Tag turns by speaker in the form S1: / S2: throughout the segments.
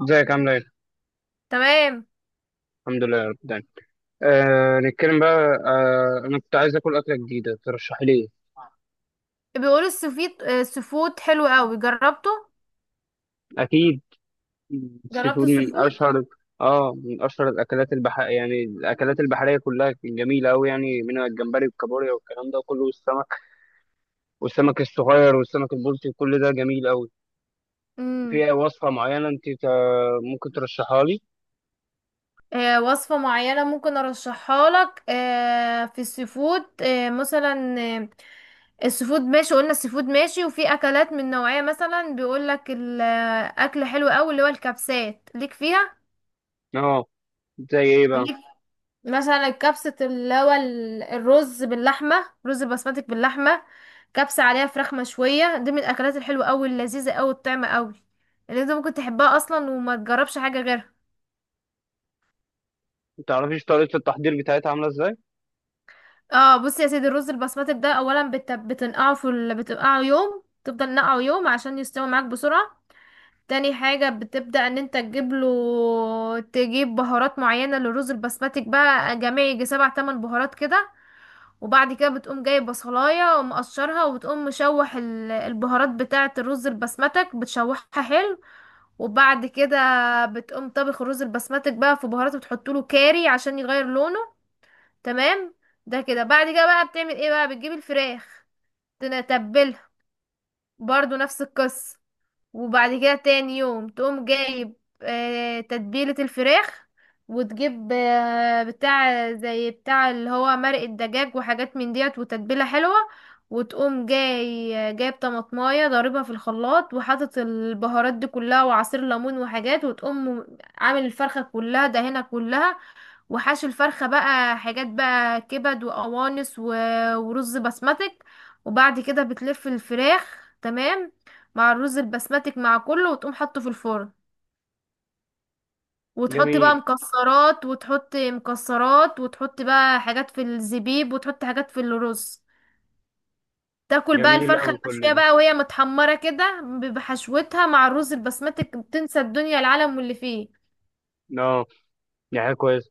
S1: ازيك عامله ايه؟
S2: تمام.
S1: الحمد لله يا رب دايما. آه نتكلم بقى. آه انا كنت عايز اكل اكله جديده، ترشحي لي ايه؟
S2: بيقولوا السفيد آه، السفود حلو قوي. جربته.
S1: اكيد. السي
S2: جربت
S1: فود من
S2: السفود.
S1: اشهر، اه من اشهر الاكلات يعني الاكلات البحريه كلها جميله قوي، يعني منها الجمبري والكابوريا والكلام ده كله والسمك، والسمك الصغير والسمك البلطي، كل ده جميل قوي.
S2: امم
S1: في وصفه معينه انت ممكن ترشحها لي؟
S2: وصفة معينة ممكن ارشحها لك، في السفود، مثلا، السفود ماشي. قلنا السفود ماشي، وفي اكلات من نوعية، مثلا بيقول لك الاكل حلو قوي، اللي هو الكبسات ليك فيها
S1: اه. زي ايه بقى؟
S2: ليك. مثلا الكبسة اللي هو الرز باللحمة، رز بسمتك باللحمة، كبسة عليها فراخ مشوية. دي من الأكلات الحلوة أوي، اللذيذة أوي، الطعمة أوي، اللي انت ممكن تحبها أصلا وما تجربش حاجة غيرها.
S1: ما تعرفيش طريقه التحضير بتاعتها عامله ازاي؟
S2: اه، بصي يا سيدي، الرز البسمتك ده أولا بتنقعه بتنقعه يوم، تفضل نقعه يوم عشان يستوي معاك بسرعة. تاني حاجة بتبدأ ان انت تجيب له، تجيب بهارات معينة للرز البسمتك بقى، جميع يجي سبع تمن بهارات كده. وبعد كده بتقوم جايب بصلاية ومقشرها، وبتقوم مشوح البهارات بتاعة الرز البسمتك، بتشوحها حلو. وبعد كده بتقوم طبخ الرز البسمتك بقى في بهارات، بتحطوله كاري عشان يغير لونه. تمام. ده كده، بعد كده بقى بتعمل ايه بقى؟ بتجيب الفراخ، تتبلها، برضو نفس القصة. وبعد كده تاني يوم تقوم جايب تتبيلة الفراخ، وتجيب بتاع زي بتاع اللي هو مرق الدجاج وحاجات من ديت، وتتبيلة حلوة. وتقوم جاي جايب طماطماية ضاربها في الخلاط، وحاطط البهارات دي كلها وعصير ليمون وحاجات، وتقوم عامل الفرخة كلها، دهنها كلها. وحشو الفرخة بقى حاجات بقى، كبد وقوانص ورز بسمتك. وبعد كده بتلف الفراخ. تمام. مع الرز البسمتك مع كله، وتقوم حطه في الفرن. وتحط بقى
S1: جميل،
S2: مكسرات، وتحط مكسرات، وتحط بقى حاجات في الزبيب، وتحط حاجات في الرز. تاكل بقى
S1: جميل
S2: الفرخة
S1: قوي كل
S2: المشوية
S1: ده.
S2: بقى، وهي متحمرة كده بحشوتها مع الرز البسمتك، بتنسى الدنيا العالم واللي فيه.
S1: اه، يعني كويس.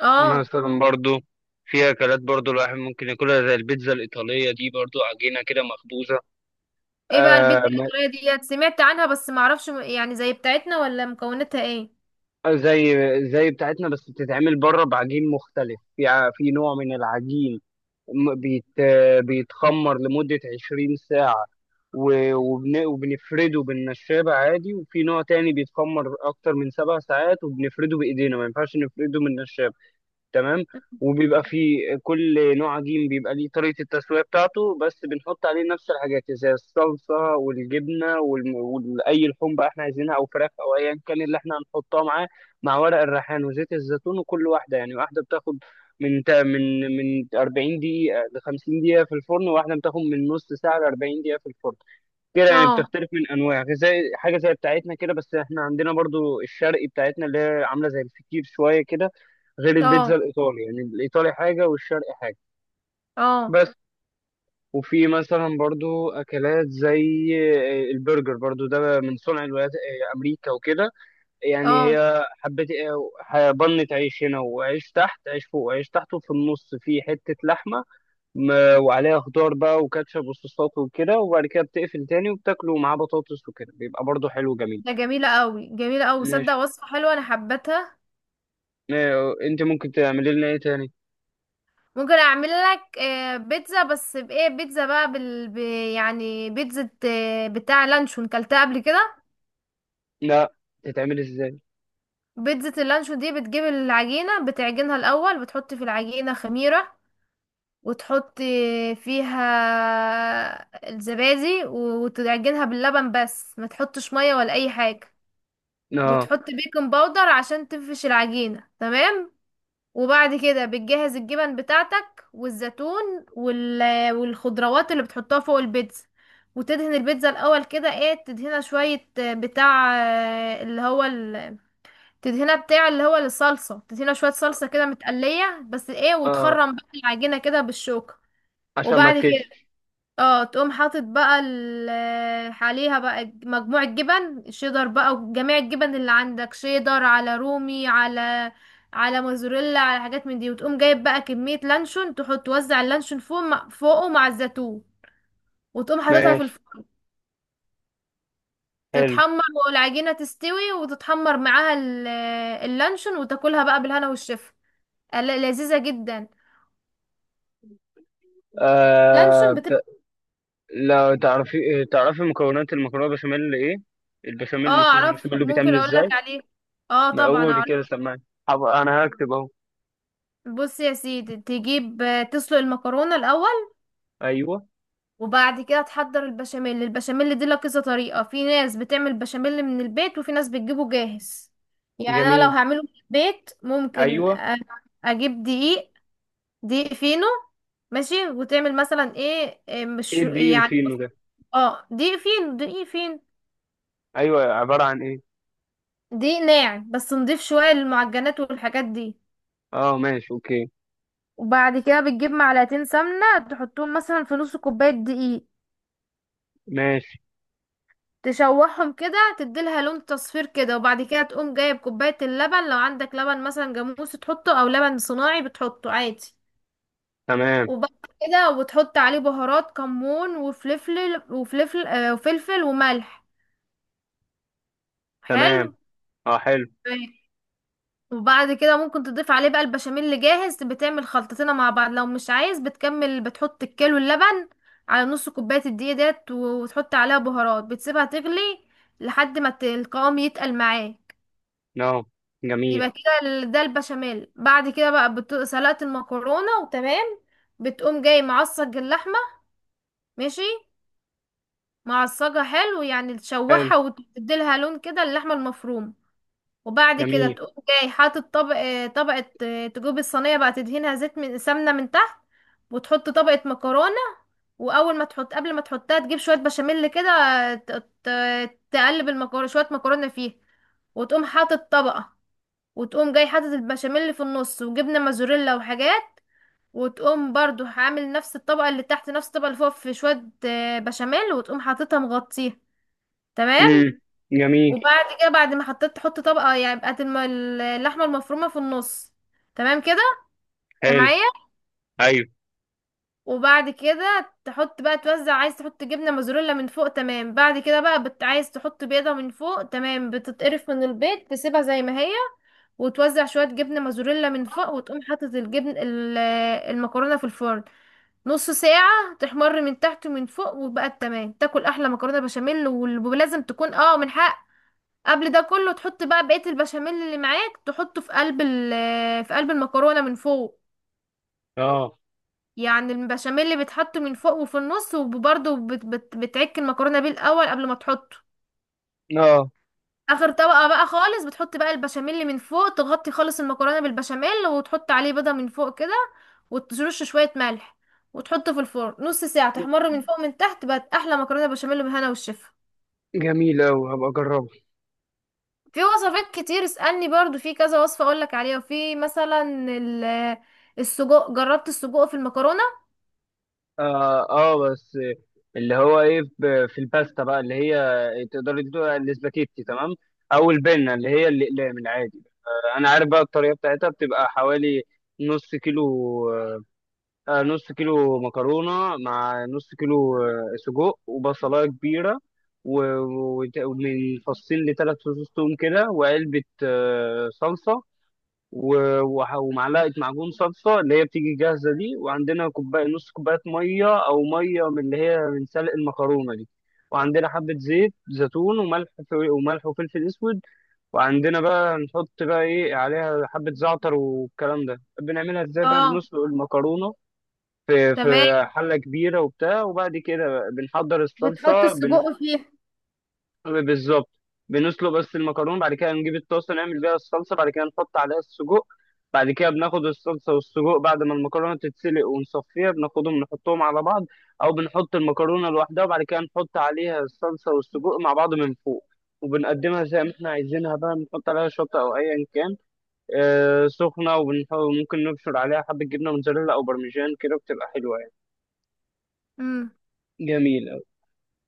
S2: اه.
S1: مثلا برضو في أكلات برضو الواحد ممكن ياكلها زي البيتزا الإيطالية دي، برضو عجينة كده مخبوزة.
S2: ايه بقى
S1: آه
S2: البيتزا
S1: ما-
S2: الايطالية ديت؟ سمعت عنها بس معرفش، يعني زي بتاعتنا ولا مكوناتها ايه.
S1: زي زي بتاعتنا، بس بتتعمل بره بعجين مختلف، في في نوع من العجين بيتخمر لمدة 20 ساعة، وبنفرده بالنشابة عادي. وفي نوع تاني بيتخمر أكتر من 7 ساعات وبنفرده بإيدينا، ما ينفعش نفرده من النشابة. تمام. وبيبقى في كل نوع عجين بيبقى ليه طريقة التسوية بتاعته، بس بنحط عليه نفس الحاجات زي الصلصة والجبنة وأي لحوم بقى احنا عايزينها، أو فراخ أو أيا كان اللي احنا هنحطها معاه، مع ورق الريحان وزيت الزيتون. وكل واحدة يعني واحدة بتاخد من تا- من من 40 دقيقة ل 50 دقيقة في الفرن، وواحدة بتاخد من نص ساعة ل 40 دقيقة في الفرن. كده يعني
S2: اه.
S1: بتختلف من انواع، زي حاجه زي بتاعتنا كده. بس احنا عندنا برضو الشرقي بتاعتنا، اللي هي عامله زي الفطير شويه كده، غير البيتزا
S2: اه.
S1: الايطالي، يعني الايطالي حاجه والشرقي حاجه.
S2: اه.
S1: بس. وفي مثلا برضو اكلات زي البرجر، برضو ده من صنع الولايات امريكا وكده. يعني
S2: اه.
S1: هي حبه بنت عيش هنا، وعيش تحت، عيش فوق وعيش تحت، وفي النص في حته لحمه، م- وعليها خضار بقى وكاتشب وصوصات وكده، وبعد كده بتقفل تاني وبتاكله معاه بطاطس وكده، بيبقى برضه حلو جميل.
S2: ده جميلة قوي، جميلة قوي،
S1: ماشي.
S2: صدق وصفة حلوة، انا حبتها.
S1: انت ممكن تعملي لنا ايه تاني؟
S2: ممكن اعمل لك بيتزا. بس بايه بيتزا بقى، يعني بيتزا بتاع لانشون، كلتها قبل كده؟
S1: لا، تتعمل ازاي؟
S2: بيتزا اللانشون دي بتجيب العجينة، بتعجنها الاول، بتحط في العجينة خميرة، وتحطي فيها الزبادي، وتعجنها باللبن بس، ما تحطش ميه ولا اي حاجه.
S1: اه،
S2: وتحطي بيكنج باودر عشان تنفش العجينه. تمام. وبعد كده بتجهز الجبن بتاعتك والزيتون والخضروات اللي بتحطها فوق البيتزا. وتدهن البيتزا الاول كده، ايه، تدهنها شويه آه، بتاع آه، اللي هو ال... تدهنها بتاع اللي هو الصلصه، تدهنها شويه صلصه كده متقليه بس ايه.
S1: اه.
S2: وتخرم بقى العجينه كده بالشوكه.
S1: عشان ما
S2: وبعد كده
S1: تكش.
S2: اه تقوم حاطط بقى عليها بقى مجموعة جبن شيدر بقى، وجميع الجبن اللي عندك، شيدر على رومي، على موزاريلا، على حاجات من دي. وتقوم جايب بقى كمية لانشون، تحط توزع اللانشون فوق، فوقه مع الزيتون. وتقوم حاططها في
S1: ماشي.
S2: الفرن
S1: حلو.
S2: تتحمر، والعجينة تستوي وتتحمر معاها اللانشون. وتاكلها بقى بالهنا والشفا. لذيذة جدا
S1: آه
S2: لانشون بتبقى.
S1: ت- لا تعرفي، تعرفي مكونات المكرونه بشاميل ايه؟ البشاميل،
S2: اه،
S1: الصوص
S2: اعرفها،
S1: البشاميل
S2: ممكن
S1: بيتعمل
S2: اقول
S1: ازاي؟
S2: لك عليه. اه،
S1: ما قولي
S2: طبعا.
S1: كده سمعني، انا هكتب اهو.
S2: بص يا سيدي، تجيب تسلق المكرونة الأول.
S1: ايوه.
S2: وبعد كده تحضر البشاميل. البشاميل دي لها كذا طريقة، في ناس بتعمل بشاميل من البيت، وفي ناس بتجيبه جاهز. يعني أنا لو
S1: جميل.
S2: هعمله من البيت ممكن
S1: ايوه.
S2: أجيب دقيق، دقيق فينو. ماشي. وتعمل مثلا، ايه، إيه،
S1: ايه
S2: مش
S1: الدقيق
S2: يعني.
S1: الفينو ده؟
S2: اه، دقيق فين، دقيق فين،
S1: ايوه، عباره عن ايه؟
S2: دقيق ناعم بس نضيف، شوية للمعجنات والحاجات دي.
S1: اه ماشي اوكي.
S2: وبعد كده بتجيب معلقتين سمنة، تحطهم مثلا في نص كوباية دقيق،
S1: ماشي.
S2: تشوحهم كده، تديلها لون تصفير كده. وبعد كده تقوم جايب كوباية اللبن، لو عندك لبن مثلا جاموسي تحطه، او لبن صناعي بتحطه عادي.
S1: تمام.
S2: وبعد كده، وبتحط عليه بهارات، كمون وفلفل وفلفل، وفلفل وملح.
S1: تمام.
S2: حلو.
S1: اه، حلو.
S2: طيب. وبعد كده ممكن تضيف عليه بقى البشاميل اللي جاهز، بتعمل خلطتين مع بعض. لو مش عايز بتكمل، بتحط الكيلو اللبن على نص كوباية الدقيق ديت، وتحط عليها بهارات، بتسيبها تغلي لحد ما القوام يتقل معاه.
S1: نعم.
S2: يبقى
S1: جميل.
S2: كده ده البشاميل. بعد كده بقى سلقت المكرونة وتمام. بتقوم جاي معصج اللحمة. ماشي. معصجها حلو يعني،
S1: حلو.
S2: تشوحها وتديلها لون كده، اللحمة المفرومة. وبعد كده
S1: جميل.
S2: تقوم جاي حاطط طبقة، تجيب الصينية بقى، تدهنها زيت من سمنة من تحت، وتحط طبقة مكرونة. وأول ما تحط، قبل ما تحطها، تجيب شوية بشاميل كده، تقلب المكرونة، شوية مكرونة فيها. وتقوم حاطط طبقة، وتقوم جاي حاطط البشاميل اللي في النص، وجبنه موزاريلا وحاجات. وتقوم برضو عامل نفس الطبقه اللي تحت، نفس الطبقه اللي فوق، في شويه بشاميل، وتقوم حاططها مغطيها. تمام.
S1: امم. جميل.
S2: وبعد كده بعد ما حطيت، تحط طبقه يعني بقت اللحمه المفرومه في النص. تمام كده. انت
S1: حلو.
S2: معايا؟
S1: ايوه.
S2: وبعد كده تحط بقى، توزع، عايز تحط جبنه موزاريلا من فوق. تمام. بعد كده بقى عايز تحط بيضه من فوق. تمام. بتتقرف من البيض، تسيبها زي ما هي. وتوزع شوية جبنة موزاريلا من فوق، وتقوم حاطط المكرونة في الفرن. نص ساعة تحمر من تحت ومن فوق، وبقت تمام. تاكل أحلى مكرونة بشاميل. ولازم تكون، اه، من حق. قبل ده كله تحط بقى بقية البشاميل اللي معاك، تحطه في قلب في قلب المكرونة من فوق.
S1: اه،
S2: يعني البشاميل اللي بيتحط من فوق وفي النص، وبرضه بت بت بتعك المكرونة بيه الأول قبل ما تحطه.
S1: اه.
S2: اخر طبقة بقى خالص، بتحط بقى البشاميل اللي من فوق، تغطي خالص المكرونة بالبشاميل، وتحط عليه بيضة من فوق كده، وترش شوية ملح، وتحطه في الفرن نص ساعة، تحمر من فوق من تحت، بقت احلى مكرونة بشاميل، بالهنا والشفا.
S1: جميل اوي، هبقى اجربه.
S2: في وصفات كتير، اسألني برضو في كذا وصفة اقولك عليها. وفي مثلا ال- السجق، جربت السجق في المكرونة؟
S1: اه، اه، بس اللي هو ايه في الباستا بقى، اللي هي تقدري تدوها الاسباجيتي تمام، او البنه اللي هي الاقلام العادي. آه، انا عارف بقى الطريقه بتاعتها، بتبقى حوالي نص كيلو، نص كيلو مكرونة، مع نص كيلو سجق، وبصلاية كبيرة، ومن فصين لثلاث فصوص توم كده، وعلبة صلصة، ومعلقة معجون صلصة اللي هي بتيجي جاهزة دي، وعندنا كوباية، نص كوباية مية، أو مية من اللي هي من سلق المكرونة دي، وعندنا حبة زيت زيتون وملح، وملح وفلفل أسود، وعندنا بقى نحط بقى إيه عليها حبة زعتر والكلام ده. بنعملها إزاي بقى؟
S2: اه،
S1: بنسلق المكرونة في
S2: تمام.
S1: حلة كبيرة وبتاع، وبعد كده بنحضر
S2: بتحط
S1: الصلصة.
S2: السجق فيه.
S1: بالظبط. بنسلق بس المكرونة، بعد كده نجيب الطاسة نعمل بيها الصلصة، بعد كده نحط عليها السجق. بعد كده بناخد الصلصة والسجق بعد ما المكرونة تتسلق ونصفيها، بناخدهم نحطهم على بعض، أو بنحط المكرونة لوحدها وبعد كده نحط عليها الصلصة والسجق مع بعض من فوق، وبنقدمها زي ما احنا عايزينها بقى، بنحط عليها شطة أو أيا كان، آه سخنة. وممكن نبشر عليها حبة جبنة موتزاريلا أو برمجان كده، بتبقى حلوة يعني،
S2: امم
S1: جميلة.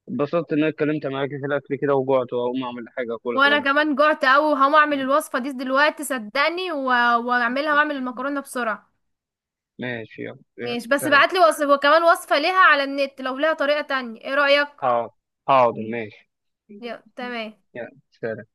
S1: اتبسطت إن أنا اتكلمت معاك في الأكل كده، وجعت وهقوم أعمل حاجة أكلها
S2: وانا
S1: دلوقتي.
S2: كمان جعت اوي، وهقوم اعمل الوصفة دي دلوقتي، صدقني. واعملها واعمل المكرونة بسرعة.
S1: ماشي، يلا يلا،
S2: ماشي، بس
S1: سلام.
S2: بعتلي وصف وكمان وصفة ليها على النت، لو ليها طريقة تانية، ايه رأيك؟
S1: حاضر، حاضر ماشي.
S2: يا تمام.
S1: يلا سلام.